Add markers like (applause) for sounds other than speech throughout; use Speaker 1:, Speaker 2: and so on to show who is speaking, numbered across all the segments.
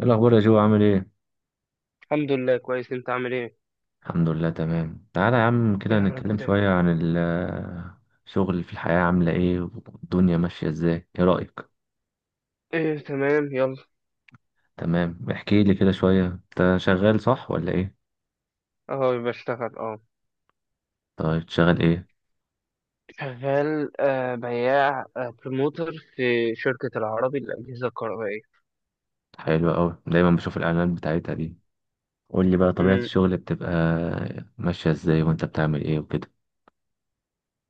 Speaker 1: ايه الاخبار يا جو؟ عامل ايه؟
Speaker 2: الحمد لله، كويس. انت عامل ايه؟
Speaker 1: الحمد لله، تمام. تعالى يا عم كده
Speaker 2: يا رب
Speaker 1: نتكلم
Speaker 2: دايما.
Speaker 1: شويه عن الشغل في الحياه عامله ايه والدنيا ماشيه ازاي، ايه رايك؟
Speaker 2: ايه، تمام، يلا.
Speaker 1: تمام، احكي لي كده شويه، انت شغال صح ولا ايه؟
Speaker 2: اهو بشتغل، اه.
Speaker 1: طيب، شغال ايه؟
Speaker 2: شغال، بياع، بروموتر في شركة العربي للأجهزة الكهربائية.
Speaker 1: حلو قوي، دايما بشوف الاعلانات بتاعتها دي. قول لي بقى، طبيعه
Speaker 2: امم.
Speaker 1: الشغل بتبقى ماشيه ازاي، وانت بتعمل ايه وكده؟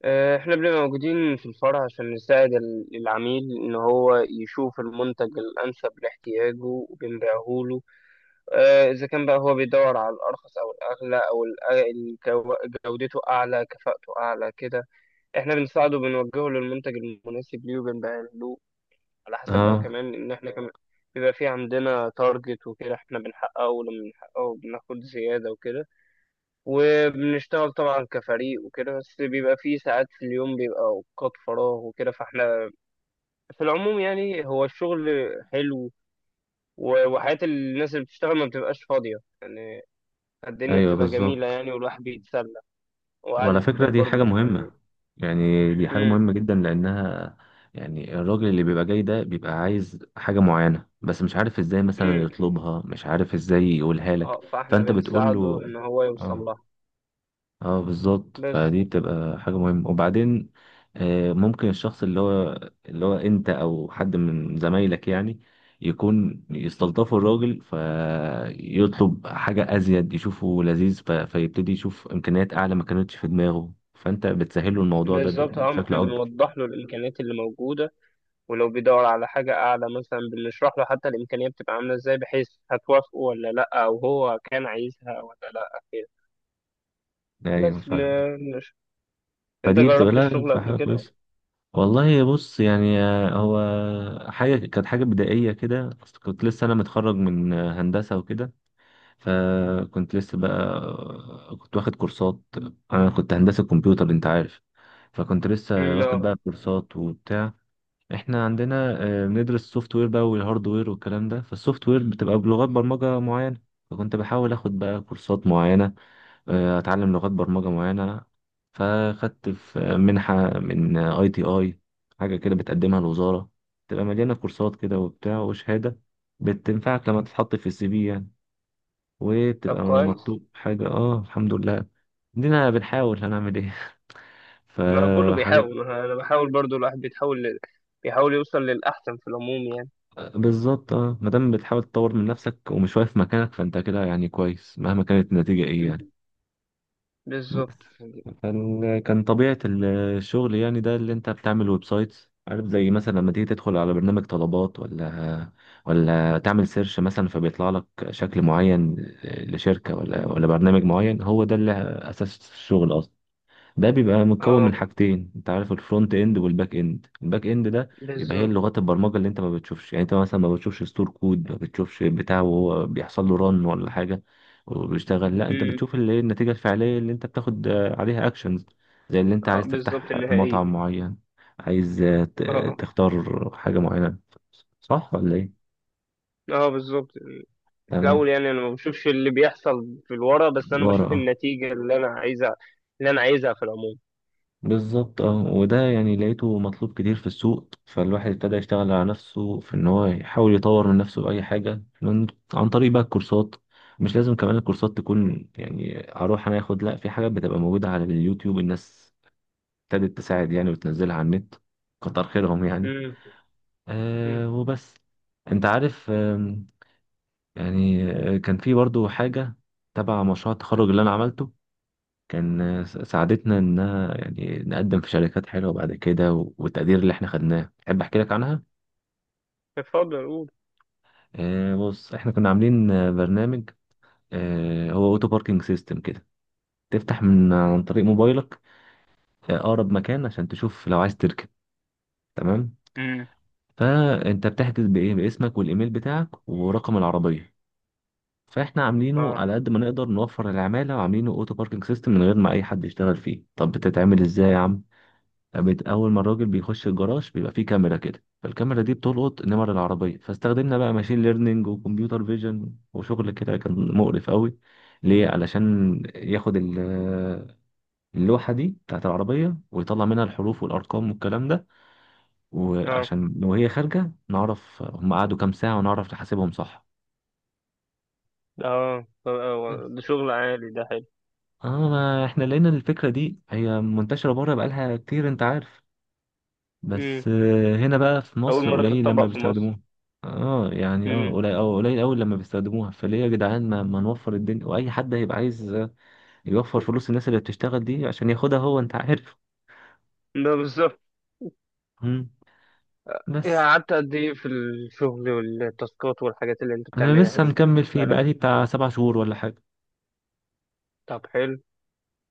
Speaker 2: احنا بنبقى موجودين في الفرع عشان نساعد العميل ان هو يشوف المنتج الانسب لاحتياجه وبنبيعه له. اذا كان بقى هو بيدور على الارخص او الاغلى او جودته اعلى، كفاءته اعلى، كده. احنا بنساعده، بنوجهه للمنتج المناسب ليه وبنبيعه له، على حسب بقى،
Speaker 1: اه.
Speaker 2: كمان ان احنا كمان بيبقى في عندنا تارجت وكده، احنا بنحققه، ولما بنحققه بناخد زيادة وكده. وبنشتغل طبعا كفريق وكده، بس بيبقى في ساعات في اليوم بيبقى اوقات فراغ وكده، فاحنا في العموم يعني هو الشغل حلو. و- وحياة الناس اللي بتشتغل ما بتبقاش فاضية يعني. الدنيا
Speaker 1: ايوه
Speaker 2: بتبقى جميلة
Speaker 1: بالظبط.
Speaker 2: يعني، والواحد بيتسلى.
Speaker 1: وعلى
Speaker 2: وقعدة
Speaker 1: فكرة
Speaker 2: البيت
Speaker 1: دي
Speaker 2: برضو
Speaker 1: حاجة
Speaker 2: بتبقى.
Speaker 1: مهمة، يعني دي حاجة
Speaker 2: امم.
Speaker 1: مهمة جدا لأنها، يعني الراجل اللي بيبقى جاي ده بيبقى عايز حاجة معينة بس مش عارف ازاي مثلا
Speaker 2: امم.
Speaker 1: يطلبها، مش عارف ازاي يقولها لك.
Speaker 2: اه، فاحنا
Speaker 1: فأنت بتقول له.
Speaker 2: بنساعده ان هو يوصل
Speaker 1: اه.
Speaker 2: لها.
Speaker 1: اه بالظبط،
Speaker 2: بس.
Speaker 1: فدي بتبقى حاجة مهمة. وبعدين ممكن الشخص اللي هو، اللي هو انت او حد من زمايلك يعني، يكون يستلطفوا الراجل فيطلب حاجة ازيد، يشوفه لذيذ، فيبتدي يشوف امكانيات اعلى ما كانتش في دماغه، فانت بتسهله الموضوع ده
Speaker 2: بالظبط. اه ما
Speaker 1: بشكل
Speaker 2: احنا
Speaker 1: اكبر.
Speaker 2: بنوضح له الامكانيات اللي موجوده. ولو بيدور على حاجه اعلى مثلا بنشرح له حتى الامكانيه بتبقى عامله ازاي، بحيث هتوافقه ولا لا، او هو كان عايزها ولا لا، كده.
Speaker 1: ايوه
Speaker 2: بس
Speaker 1: فاهم.
Speaker 2: انت
Speaker 1: فدي بتبقى،
Speaker 2: جربت
Speaker 1: لا
Speaker 2: الشغل
Speaker 1: بتبقى
Speaker 2: قبل
Speaker 1: حاجة
Speaker 2: كده؟
Speaker 1: كويسة. والله بص يعني، هو حاجة كانت حاجة بدائية كده. أصل كنت لسه انا متخرج من هندسة وكده، فكنت لسه بقى كنت واخد كورسات. انا كنت هندسة كمبيوتر انت عارف، فكنت لسه
Speaker 2: مم،
Speaker 1: واخد
Speaker 2: اه.
Speaker 1: بقى كورسات وبتاع. احنا عندنا بندرس السوفت وير بقى والهارد وير والكلام ده، فالسوفت وير بتبقى بلغات برمجة معينة. فكنت بحاول اخد بقى كورسات معينة، اتعلم لغات برمجة معينة. فاخدت في منحة من ITI، حاجة كده بتقدمها الوزارة، تبقى مليانة كورسات كده وبتاع وشهادة بتنفعك لما تتحط في الـCV يعني،
Speaker 2: طب،
Speaker 1: وبتبقى
Speaker 2: كويس.
Speaker 1: مطلوب حاجة. اه الحمد لله. دينا بنحاول، هنعمل ايه (laughs)
Speaker 2: ما كله
Speaker 1: فحاجات.
Speaker 2: بيحاول، ما انا بحاول برضو، الواحد بيحاول يوصل للاحسن في العموم يعني.
Speaker 1: بالظبط اه، مادام بتحاول تطور من نفسك ومش واقف مكانك، فانت كده يعني كويس مهما كانت النتيجة ايه
Speaker 2: مم.
Speaker 1: يعني.
Speaker 2: بالظبط.
Speaker 1: بس، كان طبيعة الشغل يعني ده اللي انت بتعمل ويب سايتس عارف، زي مثلا لما تيجي تدخل على برنامج طلبات، ولا تعمل سيرش مثلا، فبيطلع لك شكل معين لشركة، ولا برنامج معين. هو ده اللي أساس الشغل أصلا. ده بيبقى متكون من
Speaker 2: اه.
Speaker 1: حاجتين انت عارف، الفرونت اند والباك اند. الباك اند ده يبقى هي
Speaker 2: بالظبط.
Speaker 1: لغات البرمجه اللي انت ما بتشوفش، يعني انت مثلا ما بتشوفش ستور كود، ما بتشوفش بتاع وهو بيحصل له رن ولا حاجه وبيشتغل، لا انت
Speaker 2: مم.
Speaker 1: بتشوف اللي هي النتيجه الفعليه اللي انت بتاخد عليها اكشنز. زي اللي انت
Speaker 2: اه.
Speaker 1: عايز
Speaker 2: بالظبط
Speaker 1: تفتح
Speaker 2: النهائيه.
Speaker 1: مطعم معين، عايز
Speaker 2: اه. آه.
Speaker 1: تختار حاجه معينه، صح ولا ايه؟
Speaker 2: اه بالظبط. في
Speaker 1: تمام.
Speaker 2: الاول يعني انا ما بشوفش اللي بيحصل في الورا، بس انا
Speaker 1: ورا،
Speaker 2: بشوف
Speaker 1: اه
Speaker 2: النتيجة اللي انا عايزها، اللي انا عايزها في العموم.
Speaker 1: بالظبط. اه وده يعني لقيته مطلوب كتير في السوق، فالواحد ابتدى يشتغل على نفسه في ان هو يحاول يطور من نفسه بأي حاجة، من عن طريق بقى الكورسات. مش لازم كمان الكورسات تكون يعني هروح انا اخد، لا، في حاجات بتبقى موجودة على اليوتيوب، الناس ابتدت تساعد يعني وتنزلها على النت، كتر خيرهم يعني.
Speaker 2: امم. امم.
Speaker 1: أه وبس. انت عارف يعني كان في برضو حاجة تبع مشروع التخرج اللي انا عملته، ساعدتنا إنها يعني نقدم في شركات حلوة بعد كده، و- والتقدير اللي إحنا خدناه. تحب أحكي لك عنها؟
Speaker 2: اتفضل قول.
Speaker 1: آه بص، إحنا كنا عاملين برنامج، آه هو أوتو باركينج سيستم كده، تفتح من عن طريق موبايلك أقرب مكان عشان تشوف لو عايز تركب، تمام؟
Speaker 2: امم.
Speaker 1: فأنت بتحجز بإيه؟ باسمك والإيميل بتاعك ورقم العربية. فاحنا عاملينه
Speaker 2: اه.
Speaker 1: على قد ما نقدر نوفر العمالة، وعاملينه اوتو باركينج سيستم من غير ما اي حد يشتغل فيه. طب بتتعمل ازاي يا عم؟ اول ما الراجل بيخش الجراج بيبقى فيه كاميرا كده، فالكاميرا دي بتلقط نمر العربيه، فاستخدمنا بقى ماشين ليرنينج وكمبيوتر فيجن وشغل كده كان مقرف قوي، ليه؟ علشان ياخد اللوحه دي بتاعت العربيه ويطلع منها الحروف والارقام والكلام ده،
Speaker 2: اه.
Speaker 1: وعشان لو هي خارجه نعرف هم قعدوا كام ساعه ونعرف نحاسبهم صح.
Speaker 2: اه،
Speaker 1: بس.
Speaker 2: ده شغل عالي، ده حلو.
Speaker 1: اه ما احنا لقينا الفكره دي هي منتشره بره بقالها كتير انت عارف،
Speaker 2: امم.
Speaker 1: بس هنا بقى في
Speaker 2: اول
Speaker 1: مصر
Speaker 2: مرة
Speaker 1: قليل لما
Speaker 2: تتطبق في مصر.
Speaker 1: بيستخدموها. اه يعني، اه
Speaker 2: امم.
Speaker 1: قليل، اه قليل قوي لما بيستخدموها. فليه يا جدعان ما نوفر الدنيا؟ واي حد هيبقى عايز يوفر فلوس الناس اللي بتشتغل دي عشان ياخدها هو، انت عارف.
Speaker 2: ده بالظبط.
Speaker 1: مم.
Speaker 2: إيه،
Speaker 1: بس.
Speaker 2: قعدت قد ايه في الشغل والتاسكات والحاجات اللي انت
Speaker 1: انا
Speaker 2: بتعملها
Speaker 1: لسه
Speaker 2: دي؟
Speaker 1: مكمل فيه
Speaker 2: بقالك.
Speaker 1: بقالي بتاع 7 شهور ولا حاجه.
Speaker 2: طب، حلو.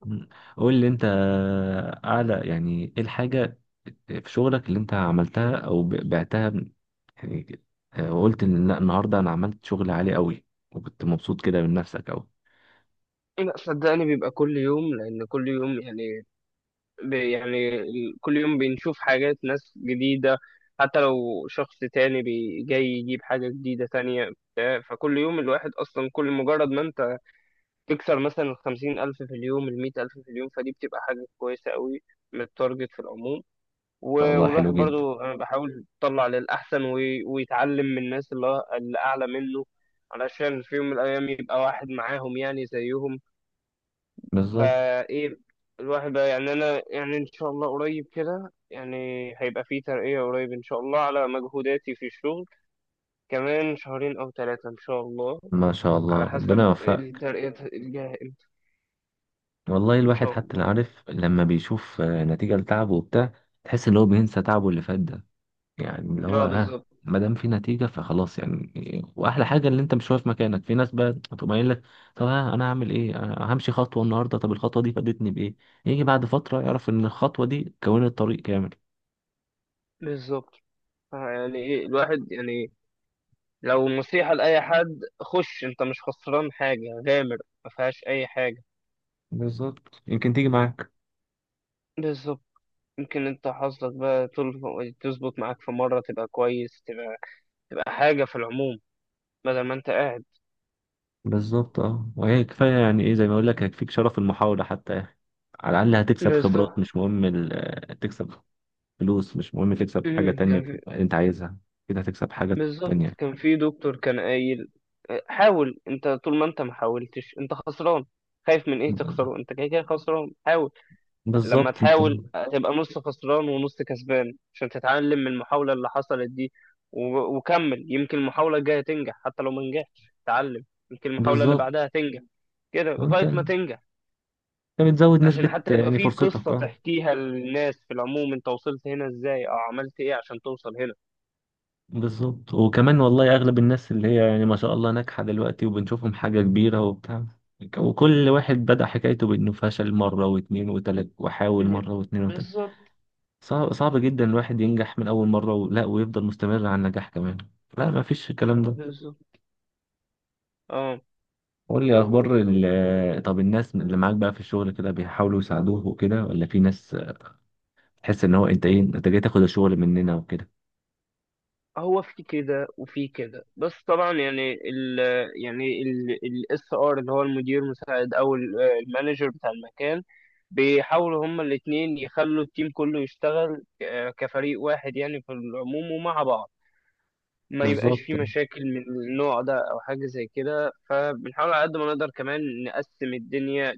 Speaker 1: مم. قول لي انت اعلى يعني ايه الحاجه في شغلك اللي انت عملتها، او بعتها من، يعني وقلت ان لا النهارده انا عملت شغل عالي قوي، وكنت مبسوط كده من نفسك قوي.
Speaker 2: إيه، لا صدقني بيبقى كل يوم، لان كل يوم يعني كل يوم بنشوف حاجات ناس جديدة، حتى لو شخص تاني جاي يجيب حاجة جديدة تانية بتاع. فكل يوم الواحد أصلا كل مجرد ما أنت تكسر مثلا الـ50,000 في اليوم، الـ100,000 في اليوم، فدي بتبقى حاجة كويسة قوي للتارجت في العموم. و-
Speaker 1: الله حلو
Speaker 2: والواحد
Speaker 1: جدا.
Speaker 2: برضو أنا بحاول يطلع للأحسن وي- ويتعلم من الناس اللي أعلى منه علشان في يوم من الأيام يبقى واحد معاهم يعني زيهم.
Speaker 1: بالظبط.
Speaker 2: فايه الواحد بقى يعني، انا يعني ان شاء الله قريب كده يعني هيبقى في ترقية قريب ان شاء الله على مجهوداتي في الشغل، كمان شهرين او ثلاثة ان شاء الله،
Speaker 1: ما شاء الله،
Speaker 2: على
Speaker 1: ربنا
Speaker 2: حسب
Speaker 1: يوفقك.
Speaker 2: الترقية الجاية امتى.
Speaker 1: والله
Speaker 2: ان
Speaker 1: الواحد
Speaker 2: شاء
Speaker 1: حتى لا
Speaker 2: الله.
Speaker 1: عارف، لما بيشوف نتيجة لتعبه وبتاع، تحس ان هو بينسى تعبه اللي فات ده، يعني اللي هو
Speaker 2: اه،
Speaker 1: اه،
Speaker 2: بالظبط.
Speaker 1: ما دام في نتيجة فخلاص يعني. واحلى حاجة ان انت مش واقف مكانك. في ناس بقى تقوم قايل لك طب ها انا هعمل ايه، أنا همشي خطوة النهاردة، طب الخطوة دي فادتني بايه؟ يجي بعد فترة يعرف ان الخطوة دي كونت طريق كامل.
Speaker 2: بالظبط. يعني ايه الواحد يعني، لو نصيحة لأي حد: خش، انت مش خسران حاجة، غامر، ما فيهاش اي حاجة.
Speaker 1: بالظبط، يمكن تيجي معاك.
Speaker 2: بالظبط. يمكن انت حظك بقى تظبط معاك في مرة، تبقى كويس، تبقى تبقى حاجة في العموم بدل ما انت قاعد.
Speaker 1: بالظبط اه، وهي كفايه يعني، ايه زي ما اقول لك، هيكفيك شرف المحاوله حتى يا اخي. على الاقل هتكسب خبرات،
Speaker 2: بالظبط.
Speaker 1: مش مهم تكسب فلوس، مش مهم تكسب حاجه
Speaker 2: امم،
Speaker 1: تانية
Speaker 2: كان في.
Speaker 1: انت عايزها، كده هتكسب حاجه
Speaker 2: بالظبط،
Speaker 1: تانية.
Speaker 2: كان في دكتور كان قايل: حاول، انت طول ما انت ما حاولتش انت خسران، خايف من ايه تخسره؟ انت كده كده خسران، حاول. لما
Speaker 1: بالظبط انت.
Speaker 2: تحاول هتبقى نص خسران ونص كسبان، عشان تتعلم من المحاولة اللي حصلت دي. و- وكمل، يمكن المحاولة الجاية تنجح، حتى لو ما نجحتش اتعلم، يمكن المحاولة اللي
Speaker 1: بالظبط.
Speaker 2: بعدها تنجح، كده
Speaker 1: انت
Speaker 2: لغاية ما
Speaker 1: انت
Speaker 2: تنجح.
Speaker 1: بتزود
Speaker 2: عشان
Speaker 1: نسبه
Speaker 2: حتى يبقى
Speaker 1: يعني،
Speaker 2: في
Speaker 1: فرصتك
Speaker 2: قصة
Speaker 1: اه.
Speaker 2: تحكيها للناس في العموم، انت وصلت هنا ازاي او عملت ايه عشان توصل هنا.
Speaker 1: بالظبط. وكمان والله اغلب الناس اللي هي يعني ما شاء الله ناجحه دلوقتي وبنشوفهم حاجه كبيره وبتاع، وكل واحد بدأ حكايته بأنه فشل مرة واتنين وتلات، وحاول
Speaker 2: م-
Speaker 1: مرة واتنين وتلات.
Speaker 2: بالظبط.
Speaker 1: صعب صعب جدا الواحد ينجح من أول مرة، ولا ويفضل مستمر على النجاح كمان، لا ما فيش الكلام ده.
Speaker 2: بالظبط. اه.
Speaker 1: قول لي أخبار طب الناس اللي معاك بقى في الشغل كده بيحاولوا يساعدوه وكده، ولا في ناس تحس إن هو أنت إيه، أنت جاي تاخد الشغل مننا وكده؟
Speaker 2: هو في كده وفي كده، بس طبعا يعني يعني الاس ار اللي هو المدير المساعد او المانجر بتاع المكان، بيحاولوا هما الاثنين يخلوا التيم كله يشتغل كفريق واحد يعني في العموم، ومع بعض ما يبقاش في
Speaker 1: بالظبط.
Speaker 2: مشاكل من النوع ده او حاجه زي كده. فبنحاول على قد ما نقدر كمان نقسم الدنيا: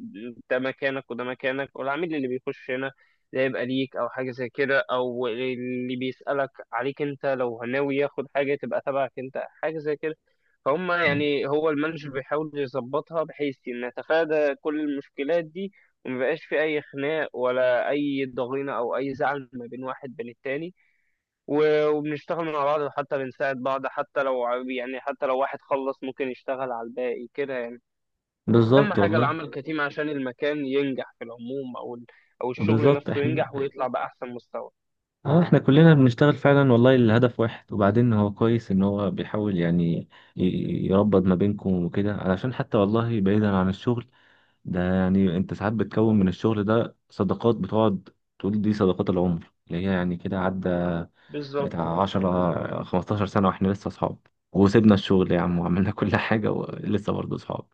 Speaker 2: ده مكانك وده مكانك، والعميل اللي بيخش هنا ده يبقى ليك او حاجه زي كده، او اللي بيسالك عليك انت لو ناوي ياخد حاجه تبقى تبعك انت حاجه زي كده. فهم يعني هو المانجر بيحاول يظبطها بحيث ان نتفادى كل المشكلات دي، ومبقاش في اي خناق ولا اي ضغينه او اي زعل ما بين واحد بين التاني. و- وبنشتغل مع بعض وحتى بنساعد بعض، حتى لو واحد خلص ممكن يشتغل على الباقي كده يعني. أهم
Speaker 1: بالظبط
Speaker 2: حاجة
Speaker 1: والله.
Speaker 2: العمل كتيم عشان المكان ينجح في العموم، أو الشغل
Speaker 1: بالظبط.
Speaker 2: نفسه
Speaker 1: احنا
Speaker 2: ينجح ويطلع بأحسن مستوى.
Speaker 1: اه، احنا كلنا بنشتغل فعلا والله، الهدف واحد، وبعدين هو كويس ان هو بيحاول يعني يربط ما بينكم وكده، علشان حتى والله بعيدا عن الشغل ده، يعني انت ساعات بتكون من الشغل ده صداقات، بتقعد تقول دي صداقات العمر، اللي هي يعني كده، عدى
Speaker 2: بالظبط.
Speaker 1: بتاع 10 15 سنة واحنا لسه اصحاب، وسيبنا الشغل يا عم وعملنا (laughs) كل حاجة ولسه برضه اصحاب.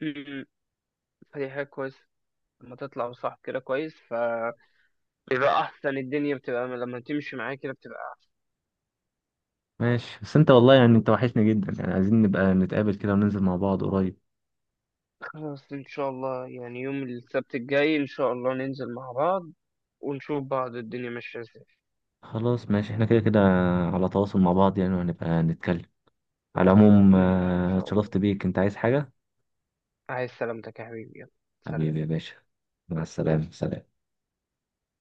Speaker 2: م- م. فدي حاجة كويسة، لما تطلع صح كده كويس، فبيبقى أحسن. الدنيا بتبقى لما تمشي معايا كده بتبقى.
Speaker 1: ماشي. بس انت والله يعني انت وحشني جدا، يعني عايزين نبقى نتقابل كده وننزل مع بعض قريب.
Speaker 2: خلاص، إن شاء الله، يعني يوم السبت الجاي إن شاء الله ننزل مع بعض ونشوف بعض الدنيا ماشية إزاي.
Speaker 1: خلاص ماشي، احنا كده كده على تواصل مع بعض يعني، وهنبقى نتكلم. على العموم
Speaker 2: ماشي إن شاء الله.
Speaker 1: اتشرفت بيك، انت عايز حاجة؟
Speaker 2: عايز سلامتك يا حبيبي، يلا. سلام.
Speaker 1: حبيبي يا باشا. مع السلامة، سلام.